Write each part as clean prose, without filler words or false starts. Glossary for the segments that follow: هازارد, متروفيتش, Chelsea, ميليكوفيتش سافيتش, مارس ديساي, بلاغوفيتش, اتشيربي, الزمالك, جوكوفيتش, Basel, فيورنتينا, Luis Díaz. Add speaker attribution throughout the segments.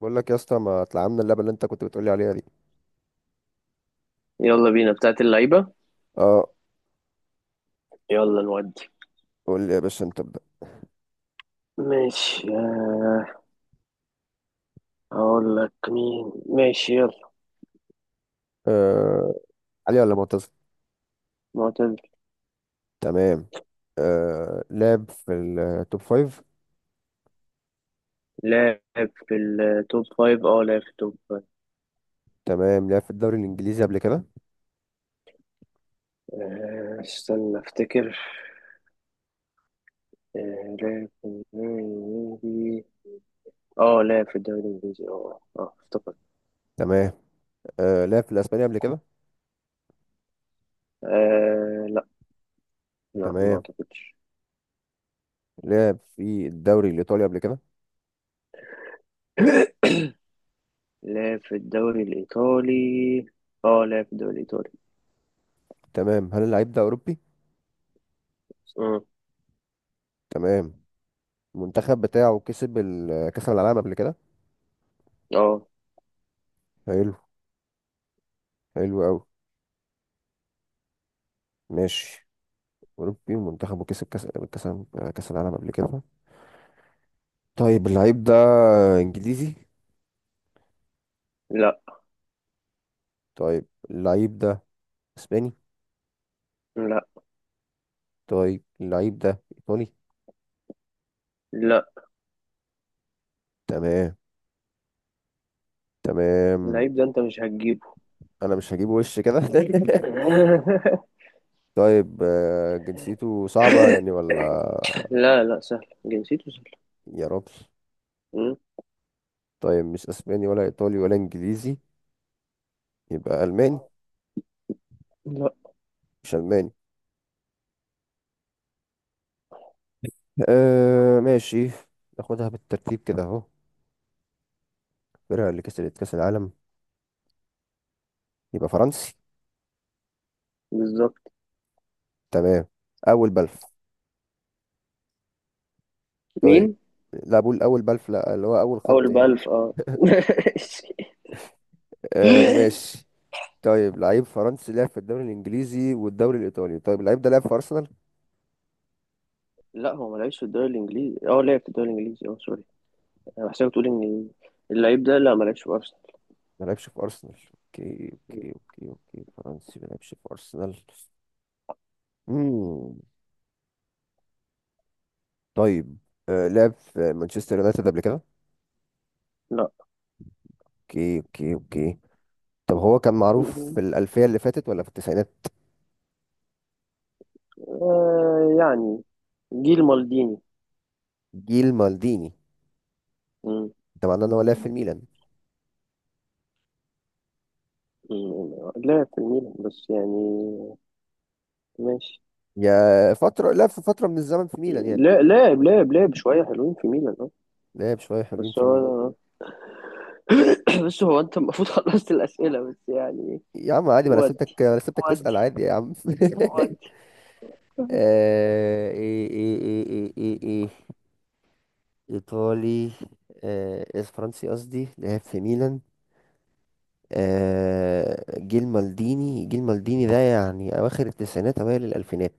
Speaker 1: بقول لك يا اسطى، ما اتلعبنا اللعبه اللي انت كنت بتقولي عليها دي.
Speaker 2: يلا بينا بتاعت اللعيبة.
Speaker 1: اه.
Speaker 2: يلا نودي.
Speaker 1: قول لي يا باشا، انت ابدا.
Speaker 2: ماشي، هقول لك مين. ماشي، يلا.
Speaker 1: آه، علي ولا معتز؟
Speaker 2: معتز.
Speaker 1: تمام. آه، لعب في التوب فايف؟
Speaker 2: لاعب في التوب فايف، اه لاعب في التوب فايف.
Speaker 1: تمام. لعب في الدوري الانجليزي قبل كده؟
Speaker 2: استنى افتكر. لاعب في الدوري الانجليزي. اه لاعب في الدوري الانجليزي. اه افتكرت.
Speaker 1: تمام. آه، لعب في الاسباني قبل كده؟
Speaker 2: آه لا، لا ما
Speaker 1: تمام.
Speaker 2: اعتقدش.
Speaker 1: لعب في الدوري الايطالي قبل كده؟
Speaker 2: لاعب في الدوري الايطالي، اه لاعب في الدوري الايطالي.
Speaker 1: تمام. هل اللعيب ده اوروبي؟
Speaker 2: مم.
Speaker 1: تمام. المنتخب بتاعه كسب كاس العالم قبل كده؟
Speaker 2: اه
Speaker 1: حلو. حلو قوي. ماشي. اوروبي ومنتخبه كسب كاس كاس العالم قبل كده. طيب، اللعيب ده انجليزي؟
Speaker 2: لا
Speaker 1: طيب، اللعيب ده اسباني؟
Speaker 2: لا
Speaker 1: طيب، اللعيب ده ايطالي؟
Speaker 2: لا.
Speaker 1: تمام. تمام.
Speaker 2: اللعيب ده انت مش هتجيبه.
Speaker 1: انا مش هجيب وش كده. طيب، جنسيته صعبة يعني ولا؟
Speaker 2: لا لا، سهل، جنسيته سهل.
Speaker 1: يا رب.
Speaker 2: مم.
Speaker 1: طيب، مش اسباني ولا ايطالي ولا انجليزي، يبقى الماني؟
Speaker 2: لا،
Speaker 1: مش الماني. آه، ماشي. ناخدها بالترتيب كده اهو، الفرقة اللي كسبت كاس العالم يبقى فرنسي.
Speaker 2: بالظبط.
Speaker 1: تمام. اول بلف. طيب.
Speaker 2: مين؟
Speaker 1: لا، بقول اول بلف، لا، اللي هو اول
Speaker 2: اول
Speaker 1: خط يعني.
Speaker 2: بألف، اه.
Speaker 1: آه، ماشي. طيب، لعيب فرنسي لعب في الدوري الانجليزي والدوري الايطالي، طيب اللعيب ده لعب في ارسنال؟
Speaker 2: لا، هو ما لعبش في الدوري الانجليزي. اه لعب في الدوري الانجليزي، اه، سوري. انا بحسبك تقول ان اللعيب ده لا، ما لعبش في ارسنال.
Speaker 1: ما لعبش في ارسنال. اوكي،
Speaker 2: مم.
Speaker 1: اوكي. اوكي اوكي، فرنسي ما لعبش في ارسنال. امم طيب، لعب في مانشستر يونايتد قبل كده؟
Speaker 2: لا.
Speaker 1: اوكي، اوكي، اوكي. طب هو كان معروف
Speaker 2: مم.
Speaker 1: في الالفيه اللي فاتت ولا في التسعينات؟
Speaker 2: آه يعني، جيل مالديني.
Speaker 1: جيل مالديني.
Speaker 2: مم.
Speaker 1: ده معناه ان هو لعب في الميلان.
Speaker 2: مم. لعب في الميلان، بس يعني ماشي.
Speaker 1: يا فتره، لعب في فتره من الزمن في ميلان يعني.
Speaker 2: لا، لاعب شوية حلوين في ميلان، اه.
Speaker 1: لعب شويه حلوين
Speaker 2: بس
Speaker 1: في ميلان.
Speaker 2: هو بس هو انت المفروض خلصت الاسئله، بس يعني.
Speaker 1: يا عم عادي، ما انا
Speaker 2: ودي،
Speaker 1: سبتك انا سبتك
Speaker 2: ودي،
Speaker 1: تسأل عادي يا عم.
Speaker 2: ودي.
Speaker 1: آه، ايه، ايه، ايه، ايه، ايه، ايه. ايطالي. آه، إيه، فرنسي قصدي، لعب في ميلان. آه، جيل مالديني. جيل مالديني ده يعني اواخر التسعينات اوائل الالفينات.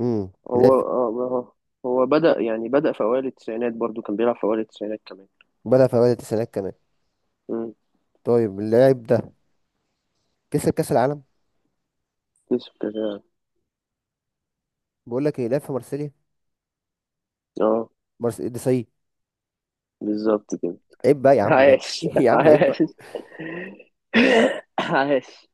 Speaker 1: امم لعب
Speaker 2: هو
Speaker 1: في-
Speaker 2: اه، ما هو بدأ يعني، بدأ في اوائل التسعينات، برضو كان بيلعب في اوائل التسعينات كمان.
Speaker 1: بدأ في اوائل التسعينات كمان.
Speaker 2: امم.
Speaker 1: طيب، اللاعب ده كسب كاس العالم.
Speaker 2: يوسف كده،
Speaker 1: بقول لك ايه، لعب في مارسيليا.
Speaker 2: اه
Speaker 1: مارس ديساي.
Speaker 2: بالظبط كده.
Speaker 1: عيب بقى يا عم، عيب.
Speaker 2: عاش،
Speaker 1: يا عم عيب
Speaker 2: عاش.
Speaker 1: بقى.
Speaker 2: عاش.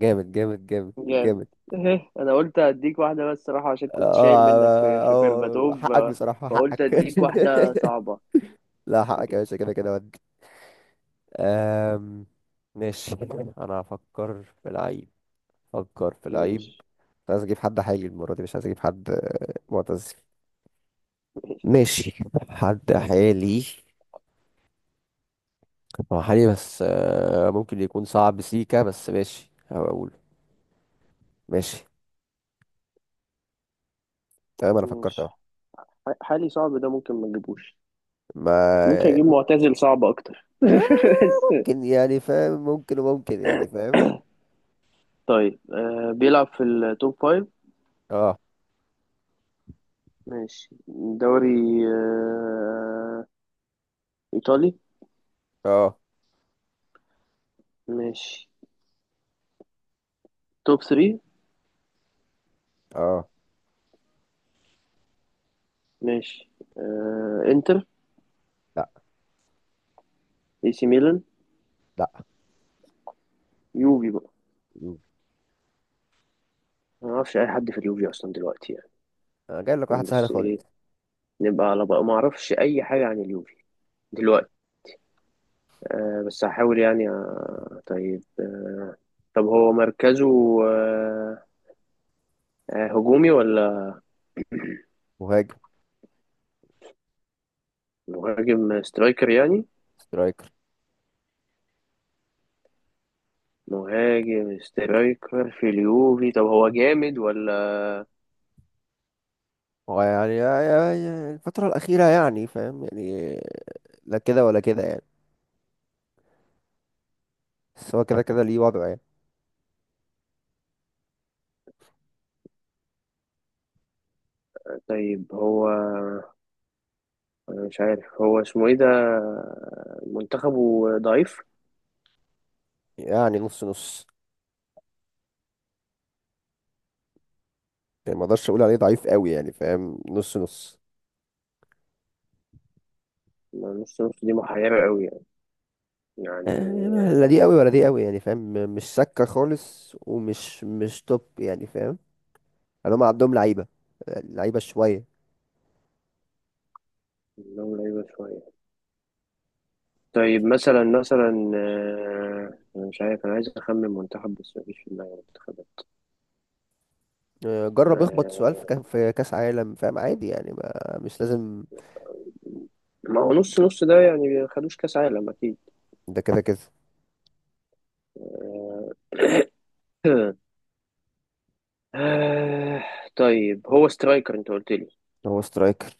Speaker 1: جامد، جامد، جامد،
Speaker 2: جامد.
Speaker 1: جامد.
Speaker 2: إيه، انا قلت اديك واحده بس صراحه عشان
Speaker 1: اه،
Speaker 2: كنت شايل منك في
Speaker 1: آه،
Speaker 2: في
Speaker 1: آه،
Speaker 2: بيرباتوف،
Speaker 1: حقك بصراحة،
Speaker 2: فقلت
Speaker 1: حقك.
Speaker 2: اديك واحده صعبه.
Speaker 1: لا، حقك يا باشا، كده كده. أم... ماشي. انا هفكر في العيب. فكر في العيب.
Speaker 2: ماشي،
Speaker 1: مش عايز اجيب حد حالي المره دي، مش عايز اجيب حد معتزل.
Speaker 2: ماشي،
Speaker 1: ماشي. حد حالي. هو حالي، بس ممكن يكون صعب سيكا، بس ماشي هقول. ماشي. تمام، انا فكرت
Speaker 2: ماشي.
Speaker 1: اهو.
Speaker 2: حالي صعب ده، ممكن ما نجيبوش. ممكن
Speaker 1: ما
Speaker 2: اجيب معتزل صعب اكتر.
Speaker 1: آه،
Speaker 2: بس
Speaker 1: ممكن يعني، فاهم؟ ممكن وممكن يعني، فاهم؟
Speaker 2: طيب، بيلعب في التوب فايف.
Speaker 1: اه،
Speaker 2: ماشي. دوري، ايطالي.
Speaker 1: اه،
Speaker 2: ماشي. توب 3.
Speaker 1: اه.
Speaker 2: ماشي، آه، انتر،
Speaker 1: لا،
Speaker 2: اي سي ميلان،
Speaker 1: لا.
Speaker 2: يوفي بقى. ما اعرفش اي حد في اليوفي اصلا دلوقتي،
Speaker 1: انا جايب لك واحد
Speaker 2: يعني،
Speaker 1: سهل
Speaker 2: بس ايه،
Speaker 1: خالص.
Speaker 2: نبقى على بقى. ما اعرفش اي حاجه عن اليوفي دلوقتي، بس هحاول يعني. طيب. طب هو مركزه، آه، هجومي ولا؟
Speaker 1: مهاجم
Speaker 2: مهاجم سترايكر يعني.
Speaker 1: سترايكر.
Speaker 2: مهاجم سترايكر في اليوفي. طب هو جامد ولا؟
Speaker 1: هو يعني يا الفترة الأخيرة يعني، فاهم يعني؟ لا كده ولا كده يعني. بس هو كده كده ليه وضعه يعني.
Speaker 2: طيب هو، أنا مش عارف هو اسمه ايه ده. منتخبه ضعيف؟
Speaker 1: يعني نص نص. يعني ما اقدرش اقول عليه ضعيف قوي يعني، فاهم؟ نص نص.
Speaker 2: ما نص نص دي محيرة قوي يعني. يعني
Speaker 1: يعني لا دي قوي ولا دي قوي، يعني فاهم؟ مش سكة خالص، ومش مش توب يعني، فاهم؟ يعني هم عندهم لعيبة، لعيبة شوية.
Speaker 2: منهم لعيبة شوية. طيب مثلا مثلا، أنا مش عارف، أنا عايز أخمن منتخب بس مفيش في دماغي منتخبات.
Speaker 1: آه، جرب اخبط سؤال في
Speaker 2: آه،
Speaker 1: في كأس عالم، فاهم؟ عادي يعني، ما مش لازم.
Speaker 2: ما هو نص نص ده يعني ما خدوش كأس عالم أكيد.
Speaker 1: ده كده كده.
Speaker 2: آه، آه، طيب هو سترايكر أنت قلت لي.
Speaker 1: هو سترايكر.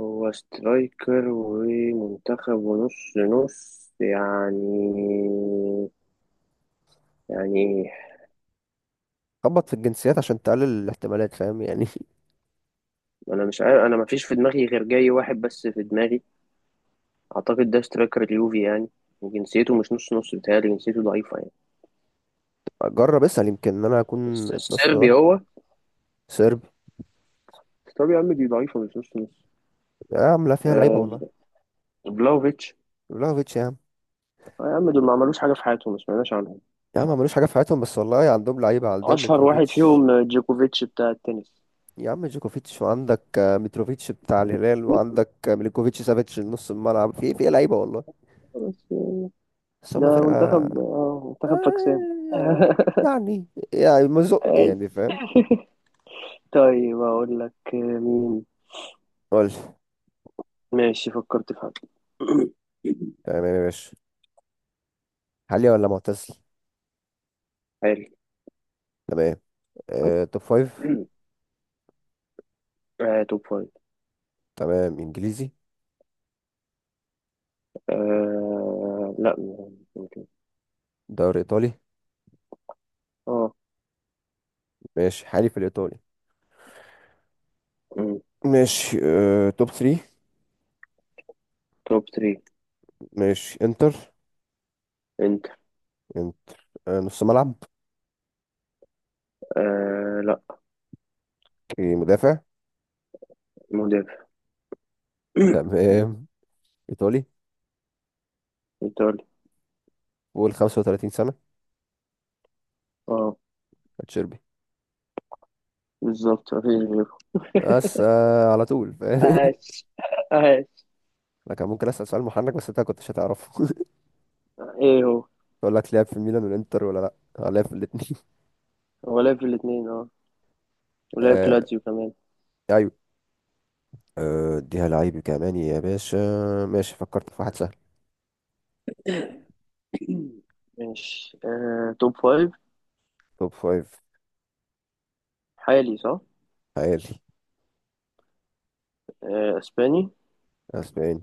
Speaker 2: هو سترايكر ومنتخب ونص نص يعني. يعني ايه؟
Speaker 1: خبط في الجنسيات عشان تقلل الاحتمالات، فاهم يعني؟
Speaker 2: انا مش عارف، انا مفيش في دماغي غير جاي واحد بس في دماغي. اعتقد ده سترايكر اليوفي يعني، وجنسيته مش نص نص، بتهيألي جنسيته ضعيفة يعني.
Speaker 1: جرب اسأل، يمكن ان انا اكون النصف
Speaker 2: السربي
Speaker 1: غلط.
Speaker 2: هو؟
Speaker 1: سيرب.
Speaker 2: طب يا عم دي ضعيفة مش نص نص.
Speaker 1: يا عم لا، فيها لعيبه
Speaker 2: آه،
Speaker 1: والله.
Speaker 2: بلاوفيتش.
Speaker 1: بلاغوفيتش يا عم.
Speaker 2: آه يا عم، دول ما عملوش حاجة في حياتهم، ما سمعناش عنهم.
Speaker 1: يا عم ملوش حاجه في حياتهم، بس والله عندهم لعيبه، عندهم
Speaker 2: أشهر واحد
Speaker 1: متروفيتش.
Speaker 2: فيهم جوكوفيتش بتاع التنس.
Speaker 1: يا عم جوكوفيتش، وعندك آه، متروفيتش بتاع الهلال، وعندك آه، ميليكوفيتش، سافيتش، نص الملعب في لعيبه والله.
Speaker 2: بس
Speaker 1: بس هم
Speaker 2: ده
Speaker 1: فرقه.
Speaker 2: منتخب، اه منتخب فاكسان.
Speaker 1: آه، يعني. يعني مزق يعني، فاهم؟
Speaker 2: طيب أقول لك مين؟
Speaker 1: قول لي.
Speaker 2: ماشي، فكرت في حد.
Speaker 1: تمام يا باشا. حالي ولا معتزل.
Speaker 2: حلو.
Speaker 1: تمام. أه، توب فايف.
Speaker 2: آه، توب فايف.
Speaker 1: تمام. انجليزي؟
Speaker 2: آه لا، ممكن.
Speaker 1: دوري ايطالي.
Speaker 2: اه.
Speaker 1: ماشي، حالي في الايطالي.
Speaker 2: مم.
Speaker 1: ماشي. أه، توب 3.
Speaker 2: توب ثري.
Speaker 1: ماشي. انتر.
Speaker 2: انت.
Speaker 1: انت- آه، نص ملعب.
Speaker 2: آه لا.
Speaker 1: اوكي، مدافع.
Speaker 2: مدافع.
Speaker 1: تمام. ايطالي.
Speaker 2: ايطالي.
Speaker 1: فوق 35 سنه.
Speaker 2: اه،
Speaker 1: اتشيربي.
Speaker 2: بالظبط، مفيش غيره.
Speaker 1: بس آه، على طول فاهم.
Speaker 2: عاش، عاش.
Speaker 1: انا كان ممكن اسال سؤال محنك بس انت كنتش هتعرفه.
Speaker 2: ايه هو؟
Speaker 1: اقول لك لعب في ميلان والانتر، ولا لا؟ آه، لعب في الاثنين.
Speaker 2: هو لعب في الاتنين، اه. ولعب في
Speaker 1: آه.
Speaker 2: لاتسيو كمان.
Speaker 1: ايوه. آه، اديها لعيب كمان يا باشا. ماشي، فكرت في واحد سهل.
Speaker 2: ماشي، آه توب فايف.
Speaker 1: توب فايف.
Speaker 2: حالي، صح.
Speaker 1: عالي.
Speaker 2: آه اسباني.
Speaker 1: اسباني.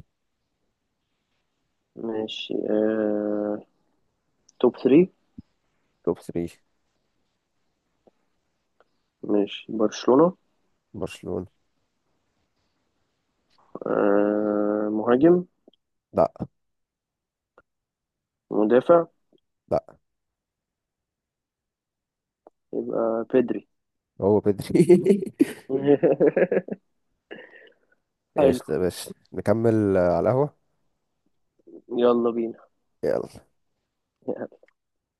Speaker 2: ماشي، آه، توب ثري.
Speaker 1: توب 3.
Speaker 2: ماشي، برشلونة.
Speaker 1: برشلونه.
Speaker 2: آه مهاجم.
Speaker 1: لا.
Speaker 2: مدافع.
Speaker 1: لا.
Speaker 2: يبقى بيدري.
Speaker 1: هو بدري.
Speaker 2: حلو.
Speaker 1: ايش ده يا باشا، نكمل على القهوه.
Speaker 2: يلا بينا.
Speaker 1: يلا.